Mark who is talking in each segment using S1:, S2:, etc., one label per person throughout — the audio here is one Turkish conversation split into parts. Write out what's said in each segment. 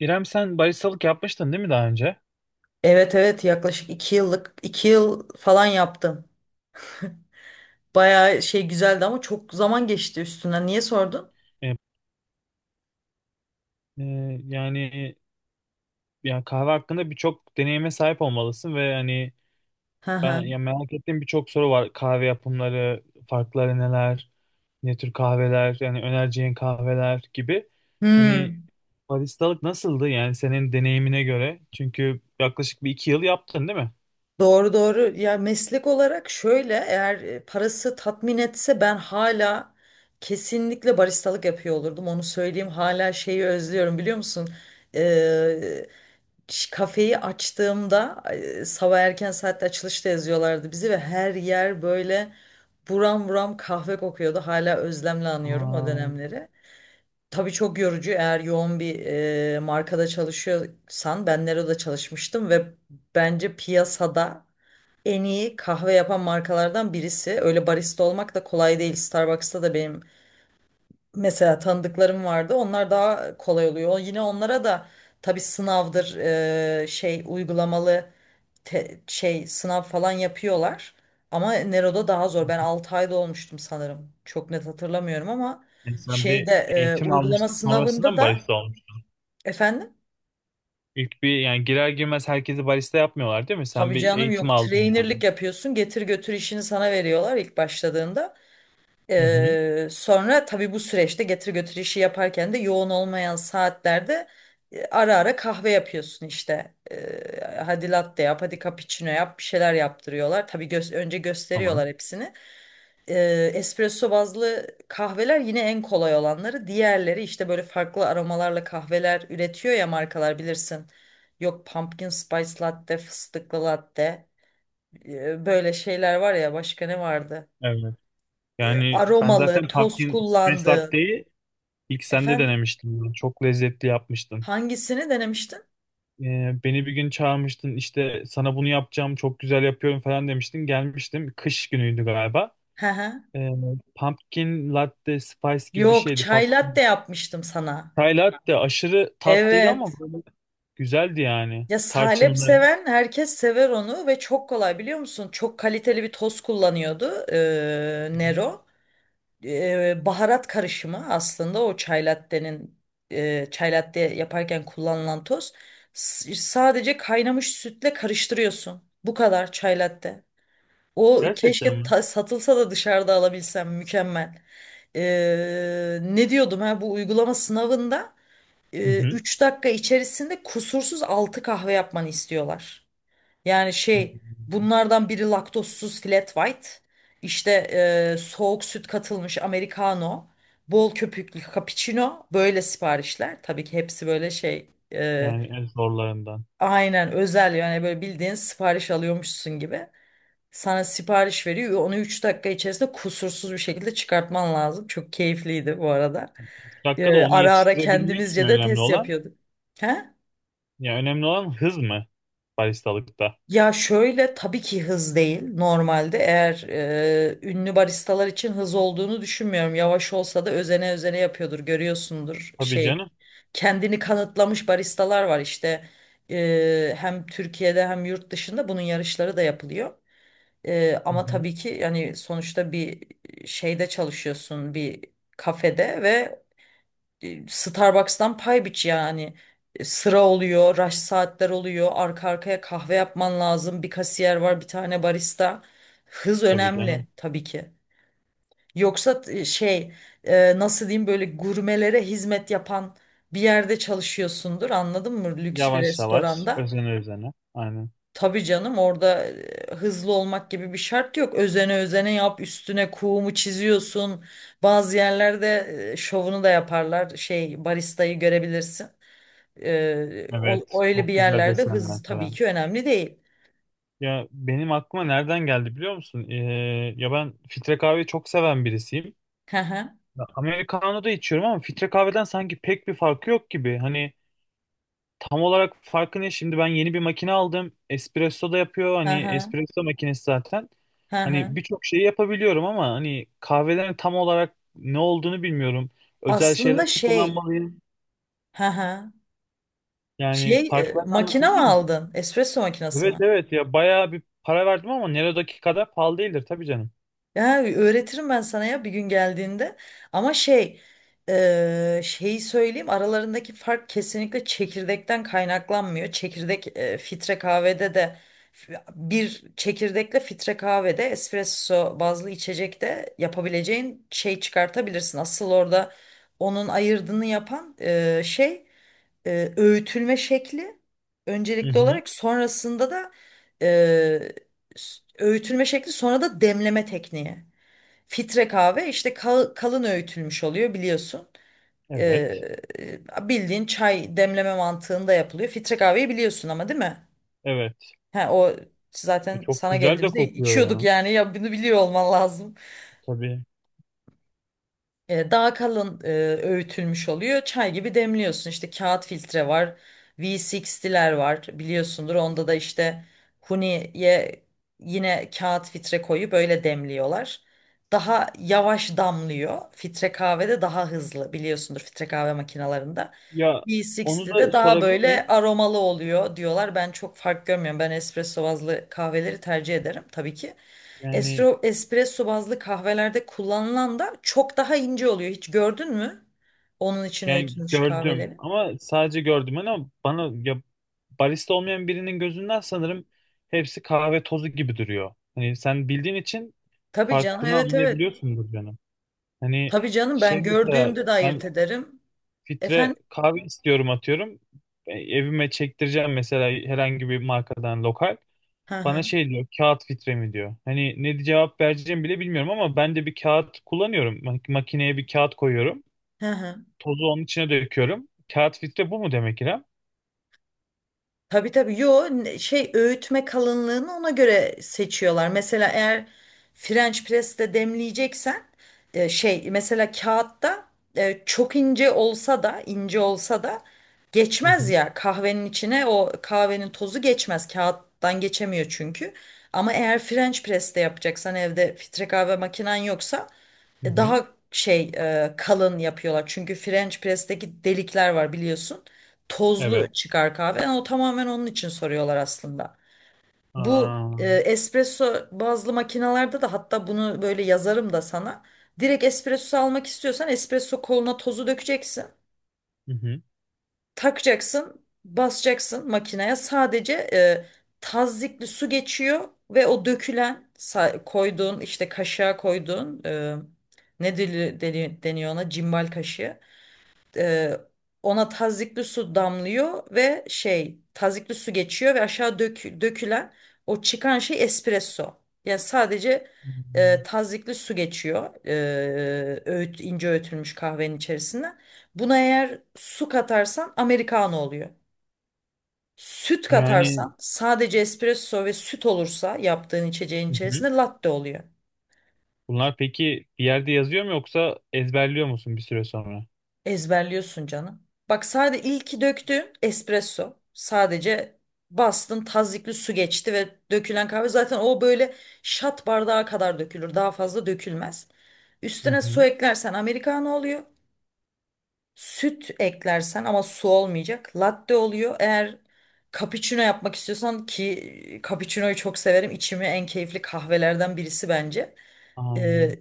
S1: İrem, sen baristalık yapmıştın değil mi daha önce?
S2: Evet, evet, yaklaşık 2 yıllık 2 yıl falan yaptım. Bayağı şey güzeldi ama çok zaman geçti üstünden. Niye sordun?
S1: E, e, yani Ya kahve hakkında birçok deneyime sahip olmalısın ve hani
S2: Hı
S1: ben,
S2: hı.
S1: ya, merak ettiğim birçok soru var. Kahve yapımları, farkları neler? Ne tür kahveler, yani önereceğin kahveler gibi. Hani
S2: Hmm.
S1: baristalık nasıldı yani senin deneyimine göre? Çünkü yaklaşık bir iki yıl yaptın değil mi?
S2: Doğru, doğru. Ya meslek olarak şöyle, eğer parası tatmin etse ben hala kesinlikle baristalık yapıyor olurdum. Onu söyleyeyim, hala şeyi özlüyorum biliyor musun? Ee, Kafeyi açtığımda sabah erken saatte açılışta yazıyorlardı bizi ve her yer böyle buram buram kahve kokuyordu. Hala özlemle anıyorum o
S1: Aa,
S2: dönemleri. Tabii çok yorucu eğer yoğun bir markada çalışıyorsan. Ben Nero'da çalışmıştım ve bence piyasada en iyi kahve yapan markalardan birisi. Öyle barista olmak da kolay değil. Starbucks'ta da benim mesela tanıdıklarım vardı. Onlar daha kolay oluyor. Yine onlara da tabii sınavdır, şey uygulamalı şey sınav falan yapıyorlar. Ama Nero'da daha zor. Ben 6 ayda olmuştum sanırım. Çok net hatırlamıyorum ama
S1: yani sen bir
S2: şeyde
S1: eğitim
S2: uygulama
S1: almıştın sonrasında
S2: sınavında
S1: mı
S2: da.
S1: barista olmuş?
S2: Efendim?
S1: İlk bir, yani girer girmez herkesi barista yapmıyorlar değil mi? Sen
S2: Tabii
S1: bir
S2: canım,
S1: eğitim
S2: yok,
S1: aldın yani.
S2: trainerlik yapıyorsun. Getir götür işini sana veriyorlar ilk başladığında.
S1: Hı hı.
S2: Sonra tabii bu süreçte getir götür işi yaparken de yoğun olmayan saatlerde ara ara kahve yapıyorsun işte. Hadi latte yap, hadi cappuccino yap, bir şeyler yaptırıyorlar. Tabii önce
S1: Tamam.
S2: gösteriyorlar hepsini. Espresso bazlı kahveler yine en kolay olanları. Diğerleri işte böyle farklı aromalarla kahveler üretiyor ya markalar, bilirsin. Yok, pumpkin spice latte, fıstıklı latte. Böyle şeyler var ya, başka ne vardı?
S1: Evet. Yani ben
S2: Aromalı,
S1: zaten
S2: toz
S1: pumpkin spice
S2: kullandığı.
S1: latte'yi İlk sen de
S2: Efendim,
S1: denemiştin bunu. Çok lezzetli yapmıştın.
S2: hangisini denemiştin?
S1: Beni bir gün çağırmıştın, işte sana bunu yapacağım, çok güzel yapıyorum falan demiştin. Gelmiştim. Kış günüydü galiba.
S2: Hı hı.
S1: Ee, Pumpkin latte spice gibi bir
S2: Yok,
S1: şeydi.
S2: çay
S1: Pumpkin.
S2: latte yapmıştım sana.
S1: Chai latte aşırı tatlıydı ama
S2: Evet.
S1: böyle güzeldi yani.
S2: Ya salep
S1: Tarçınlı.
S2: seven herkes sever onu, ve çok kolay biliyor musun? Çok kaliteli bir toz kullanıyordu
S1: Hı hı.
S2: Nero. Baharat karışımı aslında o çay latte'nin, çay latte yaparken kullanılan toz. Sadece kaynamış sütle karıştırıyorsun. Bu kadar çay latte. O,
S1: Gerçekten
S2: keşke
S1: mi?
S2: satılsa da dışarıda alabilsem, mükemmel. Ne diyordum, ha, bu uygulama sınavında?
S1: Hı hı.
S2: 3 dakika içerisinde kusursuz 6 kahve yapmanı istiyorlar. Yani şey, bunlardan biri laktozsuz flat white, işte soğuk süt katılmış americano, bol köpüklü cappuccino, böyle siparişler. Tabii ki hepsi böyle şey,
S1: Yani en zorlarından.
S2: aynen özel, yani böyle bildiğin sipariş alıyormuşsun gibi. Sana sipariş veriyor. Onu 3 dakika içerisinde kusursuz bir şekilde çıkartman lazım. Çok keyifliydi bu arada.
S1: 3 dakikada onu
S2: Ara ara
S1: yetiştirebilmek mi
S2: kendimizce de
S1: önemli
S2: test
S1: olan?
S2: yapıyorduk. He?
S1: Ya önemli olan hız mı baristalıkta?
S2: Ya şöyle, tabii ki hız değil normalde. Eğer ünlü baristalar için hız olduğunu düşünmüyorum. Yavaş olsa da özene özene yapıyordur, görüyorsundur,
S1: Tabii
S2: şey,
S1: canım.
S2: kendini kanıtlamış baristalar var işte. Hem Türkiye'de hem yurt dışında bunun yarışları da yapılıyor.
S1: Hı
S2: Ama
S1: hı.
S2: tabii ki yani sonuçta bir şeyde çalışıyorsun, bir kafede, ve Starbucks'tan pay biç yani. Sıra oluyor, rush saatler oluyor, arka arkaya kahve yapman lazım. Bir kasiyer var, bir tane barista. Hız
S1: Tabii canım.
S2: önemli tabii ki. Yoksa şey, nasıl diyeyim, böyle gurmelere hizmet yapan bir yerde çalışıyorsundur, anladın mı? Lüks bir
S1: Yavaş yavaş,
S2: restoranda.
S1: özene özene. Aynen.
S2: Tabii canım, orada hızlı olmak gibi bir şart yok. Özene özene yap, üstüne kuğumu çiziyorsun. Bazı yerlerde şovunu da yaparlar. Şey, baristayı görebilirsin.
S1: Evet,
S2: Öyle bir
S1: çok güzel
S2: yerlerde hız
S1: desenler
S2: tabii
S1: falan.
S2: ki önemli değil.
S1: Ya benim aklıma nereden geldi biliyor musun? Ya ben filtre kahveyi çok seven birisiyim.
S2: Hı hı,
S1: Ya, americano da içiyorum ama filtre kahveden sanki pek bir farkı yok gibi. Hani tam olarak farkı ne? Şimdi ben yeni bir makine aldım. Espresso da yapıyor.
S2: hı
S1: Hani
S2: hı,
S1: espresso makinesi zaten.
S2: hı
S1: Hani
S2: hı.
S1: birçok şeyi yapabiliyorum ama hani kahvelerin tam olarak ne olduğunu bilmiyorum. Özel
S2: Aslında
S1: şeyler mi
S2: şey,
S1: kullanmalıyım?
S2: hı hı.
S1: Yani
S2: Şey,
S1: farklarını
S2: makine mi
S1: anlatabilir misin?
S2: aldın? Espresso makinesi
S1: Evet
S2: mi?
S1: evet ya bayağı bir para verdim ama Nero'daki kadar pahalı değildir tabii canım.
S2: Ya öğretirim ben sana ya, bir gün geldiğinde. Ama şey, şeyi söyleyeyim, aralarındaki fark kesinlikle çekirdekten kaynaklanmıyor. Çekirdek filtre kahvede de bir çekirdekle filtre kahvede espresso bazlı içecekte yapabileceğin şey çıkartabilirsin. Asıl orada onun ayırdığını yapan şey, öğütülme şekli
S1: Hı
S2: öncelikli
S1: hı.
S2: olarak, sonrasında da eee, öğütülme şekli, sonra da demleme tekniği. Fitre kahve işte kalın öğütülmüş oluyor biliyorsun. Ee,
S1: Evet.
S2: Bildiğin çay demleme mantığında yapılıyor. Fitre kahveyi biliyorsun ama, değil mi?
S1: Evet.
S2: He, o
S1: E,
S2: zaten
S1: çok
S2: sana
S1: güzel de
S2: geldiğimizde
S1: kokuyor
S2: içiyorduk
S1: ya.
S2: yani, ya bunu biliyor olman lazım.
S1: Tabii.
S2: Daha kalın öğütülmüş oluyor. Çay gibi demliyorsun. İşte kağıt filtre var. V60'ler var biliyorsundur. Onda da işte huniye yine kağıt filtre koyup böyle demliyorlar. Daha yavaş damlıyor. Filtre kahvede daha hızlı, biliyorsundur filtre kahve makinalarında.
S1: Ya onu
S2: V60'de
S1: da
S2: daha
S1: sorabilir
S2: böyle
S1: miyim?
S2: aromalı oluyor diyorlar. Ben çok fark görmüyorum. Ben espresso bazlı kahveleri tercih ederim tabii ki.
S1: Yani,
S2: Espresso bazlı kahvelerde kullanılan da çok daha ince oluyor. Hiç gördün mü onun için
S1: yani
S2: öğütülmüş
S1: gördüm
S2: kahveleri?
S1: ama sadece gördüm ama bana, ya, barista olmayan birinin gözünden sanırım hepsi kahve tozu gibi duruyor. Hani sen bildiğin için
S2: Tabii canım.
S1: farklını
S2: Evet, evet.
S1: anlayabiliyorsundur canım. Hani
S2: Tabii canım,
S1: şey
S2: ben
S1: mesela
S2: gördüğümde de
S1: ben
S2: ayırt ederim.
S1: filtre
S2: Efendim?
S1: kahve istiyorum atıyorum. E, evime çektireceğim mesela herhangi bir markadan lokal.
S2: Hı
S1: Bana
S2: hı.
S1: şey diyor, kağıt filtre mi diyor. Hani ne cevap vereceğimi bile bilmiyorum ama ben de bir kağıt kullanıyorum. Makineye bir kağıt koyuyorum.
S2: Hı hı.
S1: Tozu onun içine döküyorum. Kağıt filtre bu mu demek İrem?
S2: Tabii, tabii. Yo, şey, öğütme kalınlığını ona göre seçiyorlar. Mesela eğer French press'te demleyeceksen şey, mesela kağıtta çok ince olsa da ince olsa da
S1: Hı
S2: geçmez
S1: hı.
S2: ya kahvenin içine, o kahvenin tozu geçmez. Kağıttan geçemiyor çünkü. Ama eğer French press'te yapacaksan, evde filtre kahve makinen yoksa,
S1: Hı hı.
S2: daha şey, kalın yapıyorlar. Çünkü French press'teki delikler var biliyorsun, tozlu
S1: Evet.
S2: çıkar kahve. Yani o tamamen onun için soruyorlar aslında. Bu
S1: Aa,
S2: espresso bazlı makinalarda da hatta, bunu böyle yazarım da sana. Direkt espresso almak istiyorsan espresso koluna tozu dökeceksin.
S1: hı hı.
S2: Takacaksın, basacaksın makineye. Sadece tazyikli su geçiyor ve o dökülen, koyduğun, işte kaşığa koyduğun, ne deniyor ona, cimbal kaşığı, e, ona tazikli su damlıyor ve şey, tazikli su geçiyor ve aşağı dökülen, o çıkan şey espresso. Yani sadece
S1: Hmm,
S2: tazikli su geçiyor ince öğütülmüş kahvenin içerisine. Buna eğer su katarsan americano oluyor. Süt
S1: yani,
S2: katarsan, sadece espresso ve süt olursa yaptığın içeceğin
S1: hı hı.
S2: içerisinde, latte oluyor.
S1: Bunlar peki bir yerde yazıyor mu yoksa ezberliyor musun bir süre sonra?
S2: Ezberliyorsun canım. Bak, sadece ilki döktüğün espresso. Sadece bastın, tazyikli su geçti ve dökülen kahve zaten o böyle şat bardağı kadar dökülür. Daha fazla dökülmez.
S1: Hı
S2: Üstüne su
S1: hı.
S2: eklersen americano oluyor. Süt eklersen, ama su olmayacak, latte oluyor. Eğer cappuccino yapmak istiyorsan, ki cappuccino'yu çok severim, İçimi en keyifli kahvelerden birisi bence. Ee,
S1: Aynen.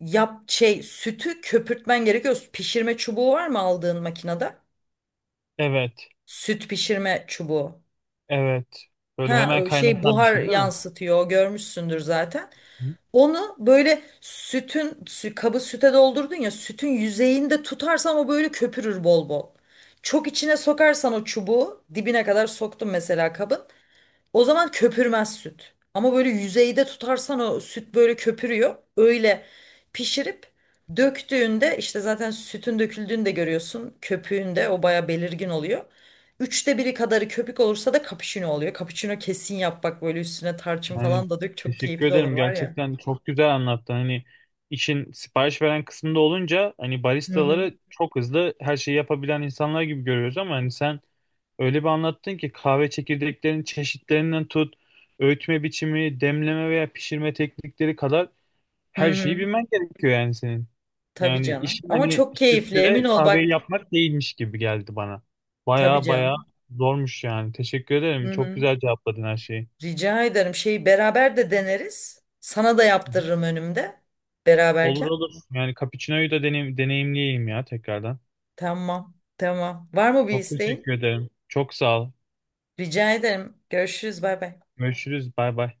S2: Yap, şey, sütü köpürtmen gerekiyor. Pişirme çubuğu var mı aldığın makinede?
S1: Evet.
S2: Süt pişirme çubuğu.
S1: Evet. Böyle
S2: Ha,
S1: hemen
S2: şey,
S1: kaynatan bir
S2: buhar
S1: şey değil mi?
S2: yansıtıyor, görmüşsündür zaten. Onu böyle sütün, kabı süte doldurdun ya, sütün yüzeyinde tutarsan o böyle köpürür bol bol. Çok içine sokarsan, o çubuğu dibine kadar soktum mesela kabın, o zaman köpürmez süt. Ama böyle yüzeyde tutarsan o süt böyle köpürüyor. Öyle pişirip döktüğünde işte zaten sütün döküldüğünü de görüyorsun. Köpüğünde o baya belirgin oluyor. 1/3 kadarı köpük olursa da cappuccino oluyor. Cappuccino kesin yap, bak, böyle üstüne tarçın
S1: Yani
S2: falan da dök, çok
S1: teşekkür
S2: keyifli olur
S1: ederim.
S2: var ya.
S1: Gerçekten çok güzel anlattın. Hani işin sipariş veren kısmında olunca hani
S2: Hı hı.
S1: baristaları çok hızlı her şeyi yapabilen insanlar gibi görüyoruz ama hani sen öyle bir anlattın ki kahve çekirdeklerinin çeşitlerinden tut, öğütme biçimi, demleme veya pişirme teknikleri kadar
S2: Hı
S1: her şeyi
S2: hı.
S1: bilmen gerekiyor yani senin.
S2: Tabii
S1: Yani
S2: canım.
S1: işin
S2: Ama
S1: hani
S2: çok keyifli, emin
S1: sütle
S2: ol
S1: kahveyi
S2: bak.
S1: yapmak değilmiş gibi geldi bana.
S2: Tabii
S1: Baya baya
S2: canım.
S1: zormuş yani. Teşekkür ederim.
S2: Hı
S1: Çok
S2: hı.
S1: güzel cevapladın her şeyi.
S2: Rica ederim. Şeyi beraber de deneriz, sana da
S1: Hı hı.
S2: yaptırırım önümde. Beraberken.
S1: Olur olur. Yani cappuccino'yu da deneyimleyeyim ya tekrardan.
S2: Tamam, tamam. Var mı bir
S1: Çok
S2: isteğin?
S1: teşekkür ederim. Çok sağ ol.
S2: Rica ederim. Görüşürüz. Bay bay.
S1: Görüşürüz. Bay bay.